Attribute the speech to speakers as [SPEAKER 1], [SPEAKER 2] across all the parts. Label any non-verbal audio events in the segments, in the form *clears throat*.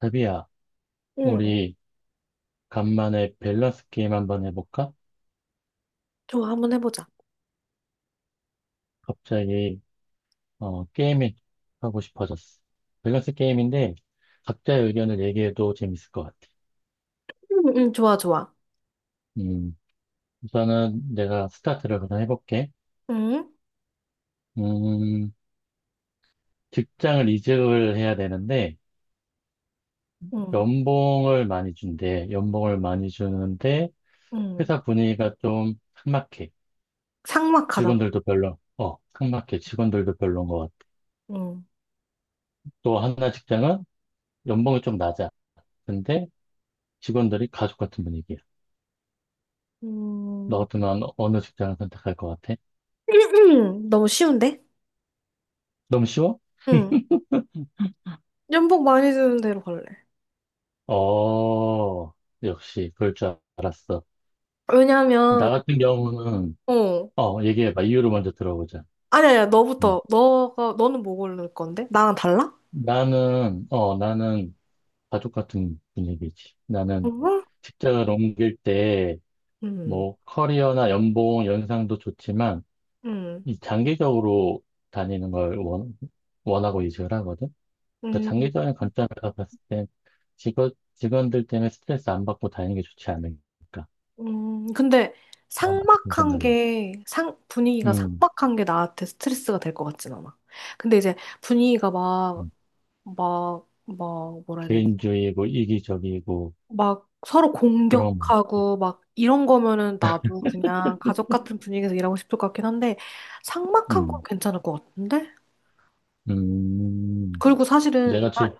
[SPEAKER 1] 자비야,
[SPEAKER 2] 응,
[SPEAKER 1] 우리 간만에 밸런스 게임 한번 해볼까?
[SPEAKER 2] 좋아, 한번 해보자.
[SPEAKER 1] 갑자기 게임이 하고 싶어졌어. 밸런스 게임인데 각자의 의견을 얘기해도 재밌을 것 같아.
[SPEAKER 2] 응, 응, 좋아, 좋아.
[SPEAKER 1] 음, 우선은 내가 스타트를 그냥 해볼게.
[SPEAKER 2] 응,
[SPEAKER 1] 음, 직장을 이직을 해야 되는데
[SPEAKER 2] 응,
[SPEAKER 1] 연봉을 많이 준대. 연봉을 많이 주는데
[SPEAKER 2] 응.
[SPEAKER 1] 회사 분위기가 좀 삭막해.
[SPEAKER 2] 삭막하다고.
[SPEAKER 1] 직원들도 삭막해. 직원들도 별로인 것 같아.
[SPEAKER 2] 응.
[SPEAKER 1] 또 하나 직장은 연봉이 좀 낮아. 근데 직원들이 가족 같은 분위기야. 너
[SPEAKER 2] 음,
[SPEAKER 1] 같으면 어느 직장을 선택할 것 같아?
[SPEAKER 2] *clears throat* 너무 쉬운데?
[SPEAKER 1] 너무 쉬워?
[SPEAKER 2] 응. 연봉 많이 드는 대로 갈래.
[SPEAKER 1] 어, 역시 그럴 줄 알았어.
[SPEAKER 2] 왜냐면,
[SPEAKER 1] 나 같은 경우는,
[SPEAKER 2] 어.
[SPEAKER 1] 어, 얘기해봐. 이유를 먼저 들어보자.
[SPEAKER 2] 아니야, 아니야,
[SPEAKER 1] 음.
[SPEAKER 2] 너부터. 너가, 너는 뭐 고를 건데? 나랑 달라?
[SPEAKER 1] 나는 가족 같은 분위기지. 나는
[SPEAKER 2] 응,
[SPEAKER 1] 직장을 옮길 때,
[SPEAKER 2] 응,
[SPEAKER 1] 뭐, 커리어나 연봉, 연상도 좋지만,
[SPEAKER 2] 응,
[SPEAKER 1] 이 장기적으로 다니는 걸 원하고 이직을 하거든. 그러니까
[SPEAKER 2] 응.
[SPEAKER 1] 장기적인 관점에서 봤을 땐 직원들 때문에 스트레스 안 받고 다니는 게 좋지 않을까.
[SPEAKER 2] 근데
[SPEAKER 1] 어, 그런
[SPEAKER 2] 삭막한
[SPEAKER 1] 생각이.
[SPEAKER 2] 게, 분위기가
[SPEAKER 1] 음,
[SPEAKER 2] 삭막한 게 나한테 스트레스가 될 것 같진 않아. 근데 이제 분위기가 막,
[SPEAKER 1] 음.
[SPEAKER 2] 뭐라 해야 되지?
[SPEAKER 1] 개인주의고 이기적이고,
[SPEAKER 2] 막 서로
[SPEAKER 1] 그런 거.
[SPEAKER 2] 공격하고 막 이런 거면은 나도 그냥 가족 같은 분위기에서 일하고 싶을 것 같긴 한데 삭막한 건
[SPEAKER 1] 음,
[SPEAKER 2] 괜찮을 것 같은데?
[SPEAKER 1] 음,
[SPEAKER 2] 그리고 사실은
[SPEAKER 1] 내가 질,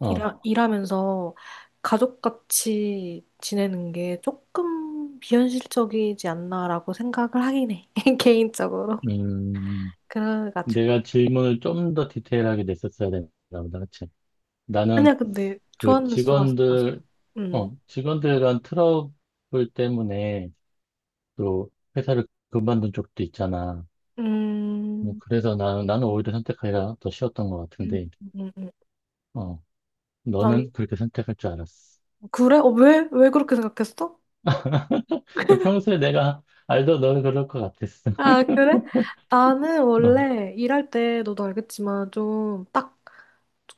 [SPEAKER 1] 어,
[SPEAKER 2] 일하면서 가족같이 지내는 게 조금 비현실적이지 않나라고 생각을 하긴 해. *laughs* 개인적으로.
[SPEAKER 1] 음,
[SPEAKER 2] 그래가지고.
[SPEAKER 1] 내가 질문을 좀 더 디테일하게 냈었어야 된다 보다, 그치? 나는
[SPEAKER 2] 아니야, 근데
[SPEAKER 1] 그
[SPEAKER 2] 좋았는지 좋았어.
[SPEAKER 1] 직원들,
[SPEAKER 2] 음.
[SPEAKER 1] 직원들 간 트러블 때문에 또 회사를 그만둔 쪽도 있잖아. 뭐
[SPEAKER 2] 음.
[SPEAKER 1] 그래서 나는 오히려 선택하기가 더 쉬웠던 것
[SPEAKER 2] 음.
[SPEAKER 1] 같은데,
[SPEAKER 2] 음. 음.
[SPEAKER 1] 어,
[SPEAKER 2] 난
[SPEAKER 1] 너는 그렇게 선택할 줄 알았어.
[SPEAKER 2] 그래? 어, 왜? 왜 그렇게 생각했어?
[SPEAKER 1] 평소에 내가 알던 너는 그럴 것 같았어.
[SPEAKER 2] 아,
[SPEAKER 1] *laughs*
[SPEAKER 2] 그래? 나는
[SPEAKER 1] 어,
[SPEAKER 2] 원래 일할 때 너도 알겠지만 좀 딱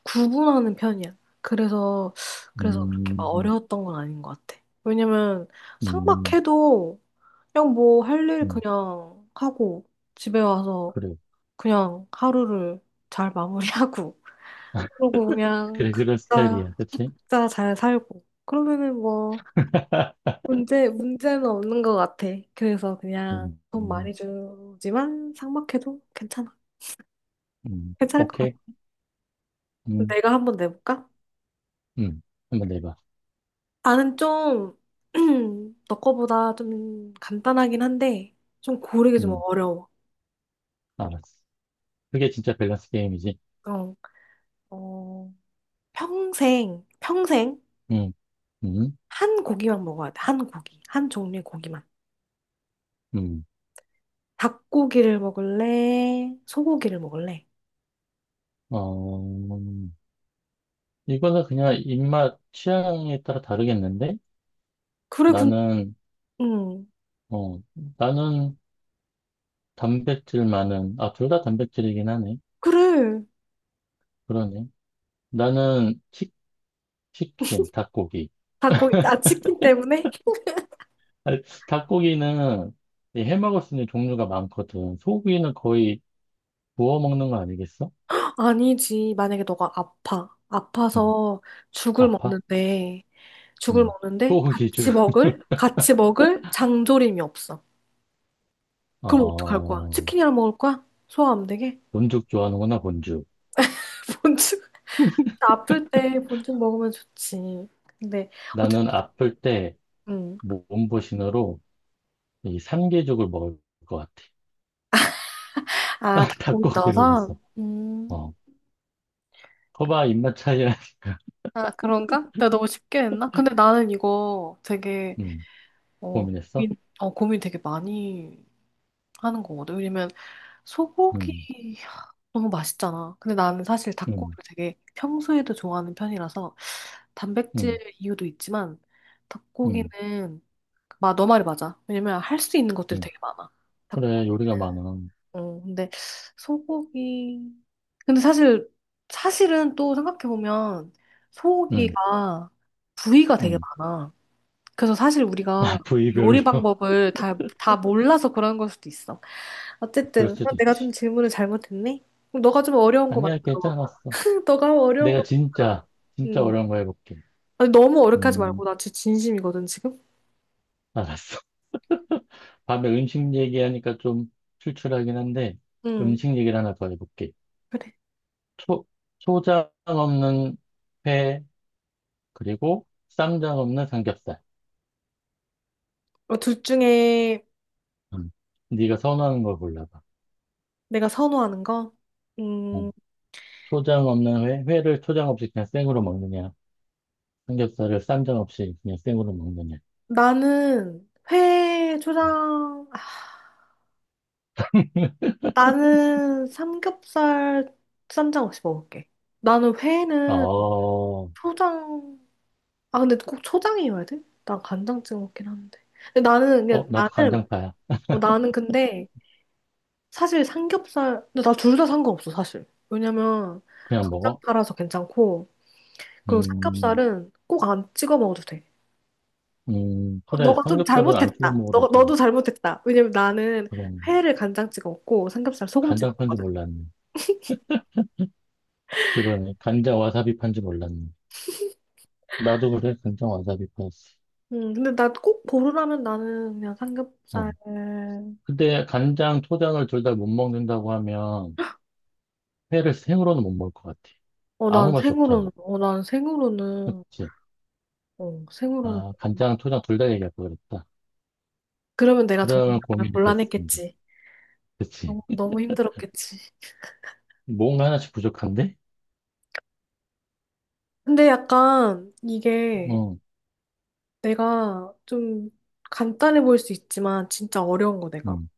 [SPEAKER 2] 구분하는 편이야. 그래서 그렇게 막
[SPEAKER 1] 음,
[SPEAKER 2] 어려웠던 건 아닌 것 같아. 왜냐면
[SPEAKER 1] 음,
[SPEAKER 2] 상박해도 그냥 뭐 할 일
[SPEAKER 1] 음,
[SPEAKER 2] 그냥 하고 집에 와서
[SPEAKER 1] 그래.
[SPEAKER 2] 그냥 하루를 잘 마무리하고 *laughs* 그러고 그냥
[SPEAKER 1] 그래, 그런 스타일이야. 그치?
[SPEAKER 2] 각자 잘 살고 그러면은 뭐
[SPEAKER 1] *laughs*
[SPEAKER 2] 문제는 없는 것 같아. 그래서 그냥
[SPEAKER 1] 음,
[SPEAKER 2] 돈
[SPEAKER 1] 음,
[SPEAKER 2] 많이 주지만 상박해도 괜찮아. 괜찮을 것
[SPEAKER 1] 오케이.
[SPEAKER 2] 같아.
[SPEAKER 1] 음,
[SPEAKER 2] 내가 한번 내볼까?
[SPEAKER 1] 음, 한번 내봐.
[SPEAKER 2] 나는 좀, *clears throat* 너 거보다 좀 간단하긴 한데, 좀 고르기 좀
[SPEAKER 1] 음,
[SPEAKER 2] 어려워.
[SPEAKER 1] 알았어. 그게 진짜 밸런스 게임이지.
[SPEAKER 2] 어, 어, 평생
[SPEAKER 1] 음, 음,
[SPEAKER 2] 한 고기만 먹어야 돼. 한 고기. 한 종류의 고기만.
[SPEAKER 1] 음.
[SPEAKER 2] 닭고기를 먹을래? 소고기를 먹을래?
[SPEAKER 1] 어, 이거는 그냥 입맛 취향에 따라 다르겠는데?
[SPEAKER 2] 그래, 군,
[SPEAKER 1] 나는,
[SPEAKER 2] 응.
[SPEAKER 1] 어, 나는 단백질 많은, 아, 둘 다 단백질이긴 하네.
[SPEAKER 2] 그래.
[SPEAKER 1] 그러네. 나는 킨 닭고기.
[SPEAKER 2] 닭고기, 아, 치킨 때문에?
[SPEAKER 1] 아니, 닭고기는 이해 먹을 수 있는 종류가 많거든. 소고기는 거의 구워 먹는 거 아니겠어?
[SPEAKER 2] *laughs* 아니지. 만약에 너가 아파.
[SPEAKER 1] 음,
[SPEAKER 2] 아파서 죽을
[SPEAKER 1] 아파?
[SPEAKER 2] 먹는데, 죽을
[SPEAKER 1] 음,
[SPEAKER 2] 먹는데
[SPEAKER 1] 소고기 줄. *laughs*
[SPEAKER 2] 같이 먹을 장조림이 없어. 그럼 어떡할 거야?
[SPEAKER 1] 어,
[SPEAKER 2] 치킨이랑 먹을 거야? 소화 안 되게?
[SPEAKER 1] 본죽 좋아하는구나, 본죽.
[SPEAKER 2] *laughs* 본죽 아플 때 본죽 먹으면 좋지. 근데 어쨌든
[SPEAKER 1] 나는 아플 때
[SPEAKER 2] 음.
[SPEAKER 1] 몸보신으로 이 삼계죽을 먹을 것 같아.
[SPEAKER 2] 아
[SPEAKER 1] *laughs*
[SPEAKER 2] 닭고기
[SPEAKER 1] 닭고기를
[SPEAKER 2] 넣어서
[SPEAKER 1] 넣었어. 어, 거봐, 입맛 차이라니까.
[SPEAKER 2] 아 그런가? 내가 너무 쉽게 했나? 근데 나는 이거 되게
[SPEAKER 1] 음,
[SPEAKER 2] 어
[SPEAKER 1] 고민했어?
[SPEAKER 2] 고민 고민 되게 많이 하는 거거든. 왜냐면 소고기
[SPEAKER 1] 음,
[SPEAKER 2] 하, 너무 맛있잖아. 근데 나는 사실
[SPEAKER 1] 음,
[SPEAKER 2] 닭고기를 되게 평소에도 좋아하는 편이라서 단백질
[SPEAKER 1] 음.
[SPEAKER 2] 이유도 있지만
[SPEAKER 1] 음.
[SPEAKER 2] 닭고기는 마, 너 말이 맞아. 왜냐면 할 수 있는 것들이
[SPEAKER 1] 음.
[SPEAKER 2] 되게 많아.
[SPEAKER 1] 그래, 요리가
[SPEAKER 2] 닭고기는.
[SPEAKER 1] 많아.
[SPEAKER 2] 어, 근데 소고기. 근데 사실 사실은 또 생각해 보면
[SPEAKER 1] 응,
[SPEAKER 2] 소고기가 부위가 되게
[SPEAKER 1] 응.
[SPEAKER 2] 많아. 그래서 사실 우리가
[SPEAKER 1] *laughs* 부위별로.
[SPEAKER 2] 요리
[SPEAKER 1] *laughs*
[SPEAKER 2] 방법을 다 몰라서 그런 걸 수도 있어.
[SPEAKER 1] 그럴
[SPEAKER 2] 어쨌든 어,
[SPEAKER 1] 수도
[SPEAKER 2] 내가 좀
[SPEAKER 1] 있지.
[SPEAKER 2] 질문을 잘못했네. 그럼 너가 좀 어려운 거
[SPEAKER 1] 아니야,
[SPEAKER 2] 만들어봐.
[SPEAKER 1] 괜찮았어.
[SPEAKER 2] *laughs* 너가 어려운 거
[SPEAKER 1] 내가
[SPEAKER 2] 만들어봐.
[SPEAKER 1] 진짜, 진짜
[SPEAKER 2] 음.
[SPEAKER 1] 어려운 거 해볼게.
[SPEAKER 2] 아니, 너무 어렵게 하지
[SPEAKER 1] 음,
[SPEAKER 2] 말고 나 진짜 진심이거든 지금.
[SPEAKER 1] 알았어. *laughs* 밤에 음식 얘기하니까 좀 출출하긴 한데,
[SPEAKER 2] 음.
[SPEAKER 1] 음식 얘기를 하나 더 해볼게.
[SPEAKER 2] 그래.
[SPEAKER 1] 초, 초장 없는 회, 그리고 쌈장 없는 삼겹살.
[SPEAKER 2] 어, 둘 중에
[SPEAKER 1] 음. 네가 선호하는 걸 골라봐.
[SPEAKER 2] 내가 선호하는 거. 음.
[SPEAKER 1] 음. 초장 없는 회, 회를 초장 없이 그냥 생으로 먹느냐, 삼겹살을 쌈장 없이 그냥 생으로 먹느냐.
[SPEAKER 2] 나는 회 초장. 아,
[SPEAKER 1] *laughs*
[SPEAKER 2] 나는 삼겹살 쌈장 없이 먹을게. 나는 회는
[SPEAKER 1] 어,
[SPEAKER 2] 초장. 아 근데 꼭 초장이어야 돼? 난 간장 찍어 먹긴 하는데. 근데 나는 그냥
[SPEAKER 1] 나도
[SPEAKER 2] 나는
[SPEAKER 1] 간장파야.
[SPEAKER 2] 어, 나는 근데 사실 삼겹살, 근데 나 둘 다 상관없어, 사실. 왜냐면
[SPEAKER 1] 그냥
[SPEAKER 2] 각장
[SPEAKER 1] 먹어?
[SPEAKER 2] 팔아서 괜찮고, 그리고
[SPEAKER 1] 음,
[SPEAKER 2] 삼겹살은 꼭 안 찍어 먹어도 돼. 어,
[SPEAKER 1] 그래.
[SPEAKER 2] 너가 좀
[SPEAKER 1] 삼겹살을 안 찍어
[SPEAKER 2] 잘못했다.
[SPEAKER 1] 먹어도 돼.
[SPEAKER 2] 너도 잘못했다. 왜냐면 나는
[SPEAKER 1] 그럼,
[SPEAKER 2] 회를 간장 찍어 먹고 삼겹살 소금 찍어
[SPEAKER 1] 간장파인 줄
[SPEAKER 2] 먹거든.
[SPEAKER 1] 몰랐네. 그러네. 간장 와사비파인 줄 몰랐네. 나도 그래. 간장 와사비파였어.
[SPEAKER 2] 근데 나 꼭 고르라면 나는 그냥 삼겹살.
[SPEAKER 1] 어. 근데 간장, 초장을 둘 다 못 먹는다고 하면, 회를 생으로는 못 먹을 것 같아. 아무 맛이 없잖아.
[SPEAKER 2] 어, 난 생으로는,
[SPEAKER 1] 그치?
[SPEAKER 2] 어, 생으로는.
[SPEAKER 1] 아, 간장, 초장 둘 다 얘기할 걸 그랬다.
[SPEAKER 2] 그러면 내가 정말
[SPEAKER 1] 그러면 고민이 됐습니다.
[SPEAKER 2] 곤란했겠지. 어,
[SPEAKER 1] 그치?
[SPEAKER 2] 너무 너무 힘들었겠지.
[SPEAKER 1] 뭔가 하나씩 부족한데?
[SPEAKER 2] 근데 약간 이게
[SPEAKER 1] 어,
[SPEAKER 2] 내가 좀 간단해 보일 수 있지만 진짜 어려운 거 내가
[SPEAKER 1] 음,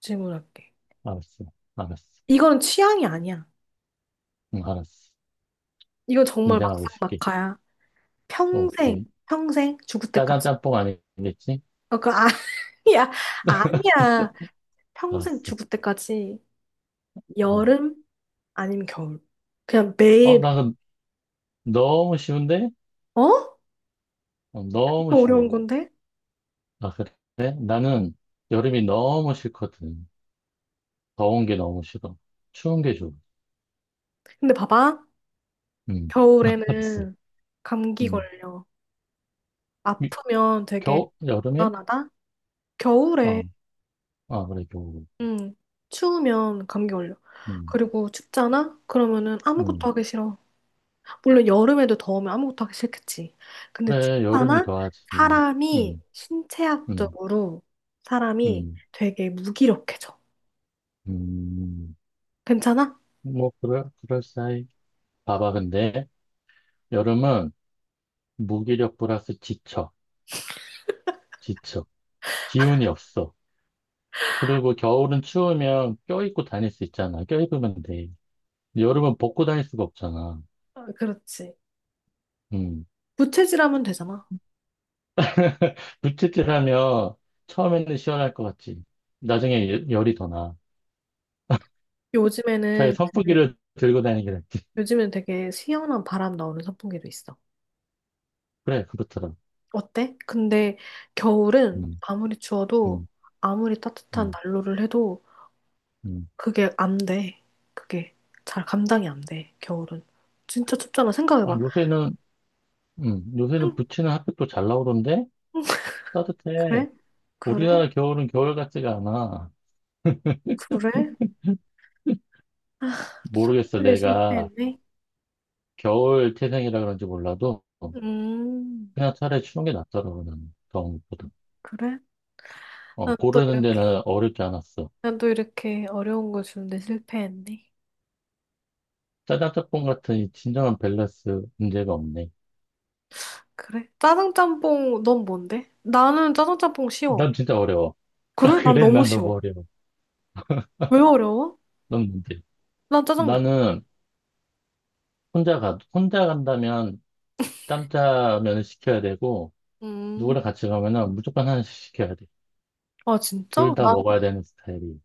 [SPEAKER 2] 질문할게.
[SPEAKER 1] 알았어. 알았어.
[SPEAKER 2] 이거는 취향이 아니야.
[SPEAKER 1] 응, 알았어.
[SPEAKER 2] 이거 정말
[SPEAKER 1] 긴장하고 있을게.
[SPEAKER 2] 막상막하야.
[SPEAKER 1] 오케이.
[SPEAKER 2] 평생 죽을
[SPEAKER 1] 짜장
[SPEAKER 2] 때까지.
[SPEAKER 1] 짬뽕 아니겠지?
[SPEAKER 2] 어, 아니야, *laughs* 아니야. 평생
[SPEAKER 1] 알았어.
[SPEAKER 2] 죽을 때까지
[SPEAKER 1] 어.
[SPEAKER 2] 여름 아니면 겨울. 그냥
[SPEAKER 1] 어,
[SPEAKER 2] 매일.
[SPEAKER 1] 나 그- 너무 쉬운데?
[SPEAKER 2] 어?
[SPEAKER 1] 너무
[SPEAKER 2] 이거 어려운
[SPEAKER 1] 쉬워.
[SPEAKER 2] 건데?
[SPEAKER 1] 아, 그래? 나는 여름이 너무 싫거든. 더운 게 너무 싫어. 추운 게 좋아.
[SPEAKER 2] 근데 봐봐.
[SPEAKER 1] 응, 알았어.
[SPEAKER 2] 겨울에는 감기
[SPEAKER 1] 응.
[SPEAKER 2] 걸려.
[SPEAKER 1] 이-
[SPEAKER 2] 아프면 되게
[SPEAKER 1] 겨우? 여름에?
[SPEAKER 2] 불안하다. 겨울에
[SPEAKER 1] 어, 아, 그래, 겨울.
[SPEAKER 2] 응, 추우면 감기 걸려.
[SPEAKER 1] 응,
[SPEAKER 2] 그리고 춥잖아? 그러면은 아무것도
[SPEAKER 1] 응.
[SPEAKER 2] 하기 싫어. 물론 여름에도 더우면 아무것도 하기 싫겠지. 근데
[SPEAKER 1] 그래, 여름이
[SPEAKER 2] 춥잖아?
[SPEAKER 1] 더 하지. 응,
[SPEAKER 2] 사람이
[SPEAKER 1] 응,
[SPEAKER 2] 신체학적으로 사람이
[SPEAKER 1] 응,
[SPEAKER 2] 되게 무기력해져.
[SPEAKER 1] 응.
[SPEAKER 2] 괜찮아?
[SPEAKER 1] 뭐, 그럴싸해. 봐봐, 근데. 여름은 무기력 플러스 지쳐, 지쳐. 기운이 없어. 그리고 겨울은 추우면 껴입고 다닐 수 있잖아. 껴입으면 돼. 여름은 벗고 다닐 수가 없잖아.
[SPEAKER 2] 어, 그렇지.
[SPEAKER 1] 음.
[SPEAKER 2] 부채질하면 되잖아.
[SPEAKER 1] 불치질하면 처음에는 시원할 것 같지. 나중에 열이 더 나. 차라리
[SPEAKER 2] 요즘에는 그,
[SPEAKER 1] 선풍기를 들고 다니는 게 낫지.
[SPEAKER 2] 요즘엔 되게 시원한 바람 나오는 선풍기도 있어.
[SPEAKER 1] 그래, 그렇더라.
[SPEAKER 2] 어때? 근데 겨울은
[SPEAKER 1] 음,
[SPEAKER 2] 아무리 추워도
[SPEAKER 1] 음,
[SPEAKER 2] 아무리 따뜻한
[SPEAKER 1] 음,
[SPEAKER 2] 난로를 해도
[SPEAKER 1] 음.
[SPEAKER 2] 그게 안 돼. 그게 잘 감당이 안 돼, 겨울은. 진짜 춥잖아.
[SPEAKER 1] 아,
[SPEAKER 2] 생각해봐.
[SPEAKER 1] 요새는
[SPEAKER 2] 한-
[SPEAKER 1] 부치는 핫팩도 잘 나오던데? 따뜻해.
[SPEAKER 2] 그래? 그래?
[SPEAKER 1] 우리나라 겨울은 겨울 같지가 않아.
[SPEAKER 2] 그래? 아, 또
[SPEAKER 1] 모르겠어,
[SPEAKER 2] 설득에
[SPEAKER 1] 내가.
[SPEAKER 2] 실패했네.
[SPEAKER 1] 겨울 태생이라 그런지 몰라도
[SPEAKER 2] 음,
[SPEAKER 1] 그냥 차라리 추운 게 낫더라고 나는 더운 것보다.
[SPEAKER 2] 그래? 난 또
[SPEAKER 1] 고르는
[SPEAKER 2] 이렇게,
[SPEAKER 1] 데는 어렵지 않았어.
[SPEAKER 2] 난 또 이렇게 어려운 거 주는데 실패했네.
[SPEAKER 1] 짜장짬뽕 같은 이 진정한 밸런스 문제가 없네.
[SPEAKER 2] 그래? 짜장짬뽕, 넌 뭔데? 나는 짜장짬뽕 쉬워.
[SPEAKER 1] 난 진짜 어려워.
[SPEAKER 2] 그래?
[SPEAKER 1] *laughs*
[SPEAKER 2] 난
[SPEAKER 1] 그래,
[SPEAKER 2] 너무
[SPEAKER 1] 난
[SPEAKER 2] 쉬워.
[SPEAKER 1] 너무 어려워.
[SPEAKER 2] 왜 어려워?
[SPEAKER 1] 넌 뭔데?
[SPEAKER 2] 난 짜장면.
[SPEAKER 1] 나는 혼자 간다면 짬짜면을 시켜야 되고,
[SPEAKER 2] 음,
[SPEAKER 1] 누구랑 같이 가면은 무조건 하나씩 시켜야 돼.
[SPEAKER 2] 아, 진짜?
[SPEAKER 1] 둘 다
[SPEAKER 2] 나
[SPEAKER 1] 먹어야 되는 스타일이.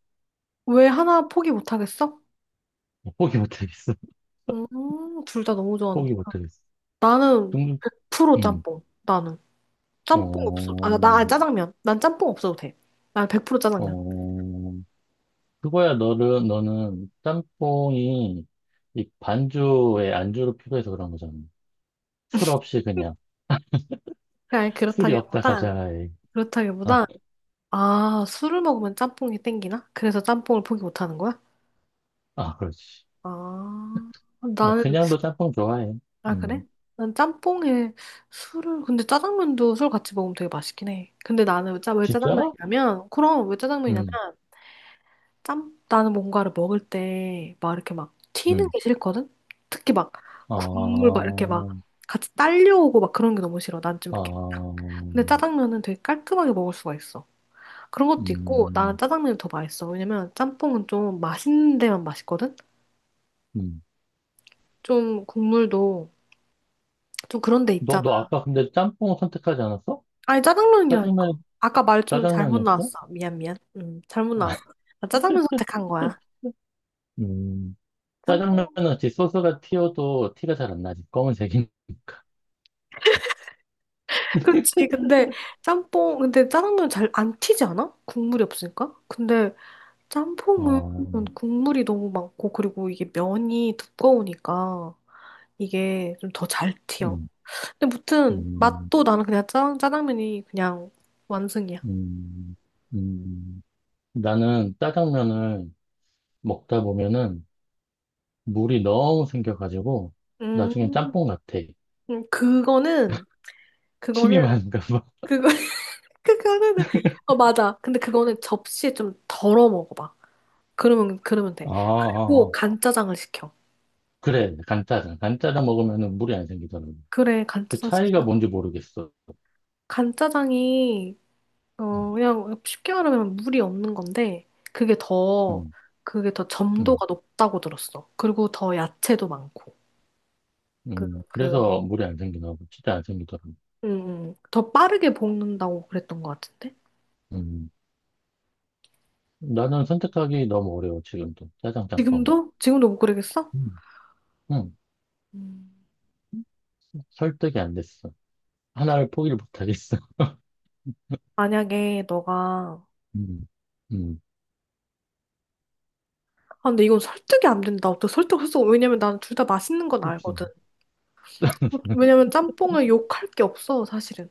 [SPEAKER 2] 왜 하나 포기 못하겠어?
[SPEAKER 1] 포기 못하겠어. *laughs*
[SPEAKER 2] 음, 둘 다 너무 좋아하는
[SPEAKER 1] 포기
[SPEAKER 2] 거.
[SPEAKER 1] 못하겠어.
[SPEAKER 2] 나는
[SPEAKER 1] 중,
[SPEAKER 2] 프로
[SPEAKER 1] 음,
[SPEAKER 2] 짬뽕. 나는 짬뽕 없어.
[SPEAKER 1] 어,
[SPEAKER 2] 아, 나 아니, 짜장면. 난 짬뽕 없어도 돼. 난 100% 짜장면.
[SPEAKER 1] 어, 그거야 너는 짬뽕이 이 반주에 안주로 필요해서 그런 거잖아. 술 없이 그냥
[SPEAKER 2] *laughs* 그니
[SPEAKER 1] 술이 없다 가자에. 아,
[SPEAKER 2] 그렇다기보다 아, 술을 먹으면 짬뽕이 땡기나? 그래서 짬뽕을 포기 못 하는 거야?
[SPEAKER 1] 아 그렇지.
[SPEAKER 2] 아,
[SPEAKER 1] 아,
[SPEAKER 2] 나는
[SPEAKER 1] 그냥도 짬뽕 좋아해.
[SPEAKER 2] 아 그래?
[SPEAKER 1] 음.
[SPEAKER 2] 난 짬뽕에 술을 근데 짜장면도 술 같이 먹으면 되게 맛있긴 해. 근데 나는 짜, 왜
[SPEAKER 1] 진짜?
[SPEAKER 2] 짜장면이냐면 그럼 왜 짜장면이냐면
[SPEAKER 1] 음.
[SPEAKER 2] 짬? 나는 뭔가를 먹을 때 막 이렇게 막 튀는
[SPEAKER 1] 음.
[SPEAKER 2] 게 싫거든? 특히 막 국물
[SPEAKER 1] 아.
[SPEAKER 2] 막 이렇게 막 같이 딸려오고 막 그런 게 너무 싫어. 난 좀 이렇게. 딱.
[SPEAKER 1] 아.
[SPEAKER 2] 근데 짜장면은 되게 깔끔하게 먹을 수가 있어. 그런 것도 있고 나는
[SPEAKER 1] 음.
[SPEAKER 2] 짜장면이 더 맛있어. 왜냐면 짬뽕은 좀 맛있는 데만 맛있거든?
[SPEAKER 1] 음.
[SPEAKER 2] 좀 국물도 좀 그런 데 있잖아.
[SPEAKER 1] 너 아까 근데 짬뽕 선택하지 않았어?
[SPEAKER 2] 아니 짜장면이라니까.
[SPEAKER 1] 짜장면
[SPEAKER 2] 아까 말 좀 잘못
[SPEAKER 1] 짜장면이었어?
[SPEAKER 2] 나왔어. 미안 미안. 잘못
[SPEAKER 1] 아,
[SPEAKER 2] 나왔어. 나 짜장면 선택한 거야.
[SPEAKER 1] 음.
[SPEAKER 2] 짬뽕
[SPEAKER 1] 짜장면은 지 소스가 튀어도 티가 잘 안 나지. 검은색인.
[SPEAKER 2] 그렇지 근데 짬뽕, 근데 짜장면 잘 안 튀지 않아? 국물이 없으니까? 근데 짬뽕은
[SPEAKER 1] 어.
[SPEAKER 2] 국물이 너무 많고, 그리고 이게 면이 두꺼우니까 이게 좀 더 잘 튀어.
[SPEAKER 1] 음.
[SPEAKER 2] 근데 무튼
[SPEAKER 1] 음,
[SPEAKER 2] 맛도 나는 그냥 짜장면이 그냥 완승이야.
[SPEAKER 1] 음, 음. 나는 짜장면을 먹다 보면은 물이 너무 생겨가지고 나중엔
[SPEAKER 2] 음,
[SPEAKER 1] 짬뽕 같아.
[SPEAKER 2] 음, 그거는,
[SPEAKER 1] 침이
[SPEAKER 2] 그거는,
[SPEAKER 1] 많은가 봐. *laughs*
[SPEAKER 2] 그거, *laughs* 그거는, 어, 맞아. 근데 그거는 접시에 좀 덜어 먹어봐. 그러면
[SPEAKER 1] 아,
[SPEAKER 2] 돼.
[SPEAKER 1] 아,
[SPEAKER 2] 그리고
[SPEAKER 1] 아.
[SPEAKER 2] 간짜장을 시켜.
[SPEAKER 1] 그래, 간짜장. 간짜장 먹으면은 물이 안 생기잖아.
[SPEAKER 2] 그래,
[SPEAKER 1] 그
[SPEAKER 2] 간짜장
[SPEAKER 1] 차이가
[SPEAKER 2] 시키면
[SPEAKER 1] 뭔지 모르겠어.
[SPEAKER 2] 간짜장이
[SPEAKER 1] 음,
[SPEAKER 2] 어 그냥 쉽게 말하면 물이 없는 건데
[SPEAKER 1] 음,
[SPEAKER 2] 그게 더
[SPEAKER 1] 음.
[SPEAKER 2] 점도가 높다고 들었어. 그리고 더 야채도 많고
[SPEAKER 1] 음. 그래서 물이 안 생기나 봐. 진짜 안 생기더라고.
[SPEAKER 2] 그그음더 빠르게 볶는다고 그랬던 것 같은데
[SPEAKER 1] 음. 나는 선택하기 너무 어려워, 지금도. 짜장, 짬뽕.
[SPEAKER 2] 지금도 지금도 못 그러겠어?
[SPEAKER 1] 음. 음.
[SPEAKER 2] 음,
[SPEAKER 1] 설득이 안 됐어. 하나를 포기를 못 하겠어.
[SPEAKER 2] 만약에 너가
[SPEAKER 1] *laughs* 음. 음.
[SPEAKER 2] 아 근데 이건 설득이 안 된다. 어떻게 설득할 수? 왜냐면 나는 둘 다 맛있는 건
[SPEAKER 1] 그치.
[SPEAKER 2] 알거든. 왜냐면 짬뽕을 욕할 게 없어 사실은.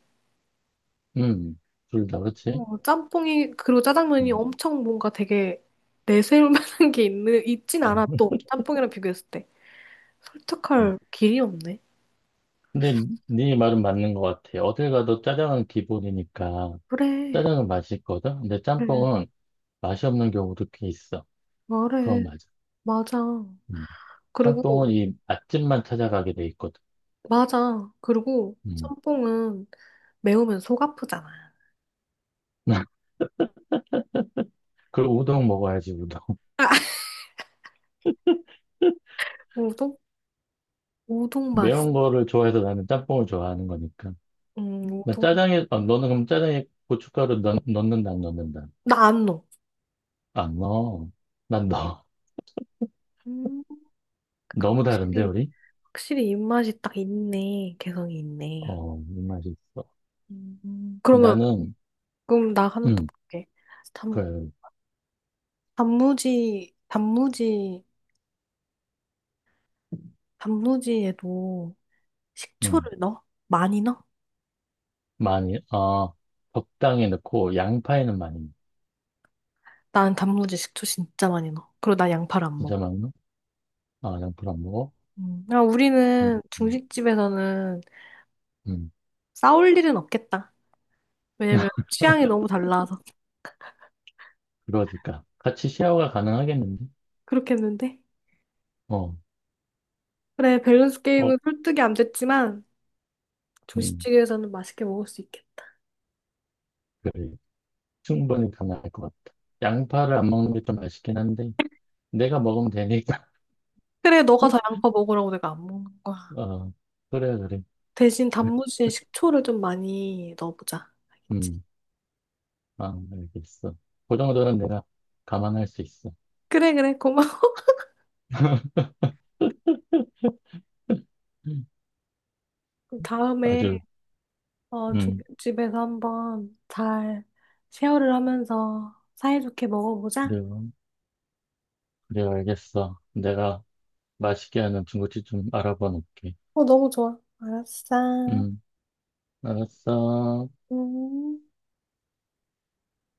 [SPEAKER 1] 음, 둘 다, 그치?
[SPEAKER 2] 어, 짬뽕이, 그리고 짜장면이
[SPEAKER 1] 음,
[SPEAKER 2] 엄청 뭔가 되게 내세울 만한 게 있는, 있진 않아, 또. 짬뽕이랑 비교했을 때.
[SPEAKER 1] 음.
[SPEAKER 2] 설득할 길이 없네.
[SPEAKER 1] 근데 네 말은 맞는 것 같아. 어딜 가도 짜장은 기본이니까
[SPEAKER 2] 그래,
[SPEAKER 1] 짜장은 맛있거든? 근데
[SPEAKER 2] 그래,
[SPEAKER 1] 짬뽕은 맛이 없는 경우도 꽤 있어. 그건
[SPEAKER 2] 말해.
[SPEAKER 1] 맞아.
[SPEAKER 2] 맞아.
[SPEAKER 1] 음.
[SPEAKER 2] 그리고,
[SPEAKER 1] 짬뽕은 이 맛집만 찾아가게 돼 있거든.
[SPEAKER 2] 맞아. 그리고
[SPEAKER 1] 음.
[SPEAKER 2] 짬뽕은 매우면 속 아프잖아.
[SPEAKER 1] *laughs* 그리고 우동 먹어야지, 우동.
[SPEAKER 2] 아,
[SPEAKER 1] *laughs*
[SPEAKER 2] 우동? 우동 맛.
[SPEAKER 1] 매운 거를 좋아해서 나는 짬뽕을 좋아하는 거니까.
[SPEAKER 2] 우동.
[SPEAKER 1] 너는 그럼 짜장에 고춧가루 넣는다, 안 넣는다?
[SPEAKER 2] 나 안 넣어.
[SPEAKER 1] 안 넣어. 난 넣어.
[SPEAKER 2] 음,
[SPEAKER 1] *laughs*
[SPEAKER 2] 그러니까
[SPEAKER 1] 너무 다른데,
[SPEAKER 2] 확실히,
[SPEAKER 1] 우리?
[SPEAKER 2] 확실히 입맛이 딱 있네. 개성이 있네.
[SPEAKER 1] 이 맛이 있어.
[SPEAKER 2] 그러면,
[SPEAKER 1] 나는,
[SPEAKER 2] 그럼 나 하나 더
[SPEAKER 1] 음,
[SPEAKER 2] 볼게.
[SPEAKER 1] 그래,
[SPEAKER 2] 단무지, 단무지, 단무지에도
[SPEAKER 1] 음,
[SPEAKER 2] 식초를 넣어? 많이 넣어?
[SPEAKER 1] 많이, 아, 적당히 넣고, 양파에는 많이 넣어.
[SPEAKER 2] 난 단무지 식초 진짜 많이 넣어. 그리고 나 양파를 안
[SPEAKER 1] 진짜
[SPEAKER 2] 먹어.
[SPEAKER 1] 많이 넣어? 아, 양파를 안 먹어?
[SPEAKER 2] 음. 야,
[SPEAKER 1] 음,
[SPEAKER 2] 우리는
[SPEAKER 1] 음,
[SPEAKER 2] 중식집에서는
[SPEAKER 1] 음,
[SPEAKER 2] 싸울 일은 없겠다. 왜냐면 취향이 너무 달라서.
[SPEAKER 1] 그러니까. 같이 쉐어가 가능하겠는데?
[SPEAKER 2] 그렇겠는데?
[SPEAKER 1] 어,
[SPEAKER 2] 그래, 밸런스
[SPEAKER 1] 어,
[SPEAKER 2] 게임은 설득이 안 됐지만
[SPEAKER 1] 음,
[SPEAKER 2] 중식집에서는 맛있게 먹을 수 있겠다.
[SPEAKER 1] 그래. 충분히 가능할 것 같다. 양파를 안 먹는 게 좀 아쉽긴 한데, 내가 먹으면 되니까.
[SPEAKER 2] 그래, 너가 더 양파 먹으라고 내가 안 먹는
[SPEAKER 1] *laughs*
[SPEAKER 2] 거야.
[SPEAKER 1] 어, 그래, 그래.
[SPEAKER 2] 대신 단무지에 식초를 좀 많이 넣어보자. 알겠지?
[SPEAKER 1] 음, 아, 알겠어. 그 정도는 내가 감안할 수 있어.
[SPEAKER 2] 그래, 그래, 고마워.
[SPEAKER 1] *laughs*
[SPEAKER 2] 그럼 다음에
[SPEAKER 1] 아주,
[SPEAKER 2] 어, 두-
[SPEAKER 1] 음,
[SPEAKER 2] 집에서 한번 잘 쉐어를 하면서 사이좋게 먹어보자.
[SPEAKER 1] 그래요. 그래요, 알겠어. 내가, 맛있게 하는 중국집 좀 알아봐 놓을게.
[SPEAKER 2] 어, 너무 좋아. 알았어.
[SPEAKER 1] 음, 알았어.
[SPEAKER 2] 음.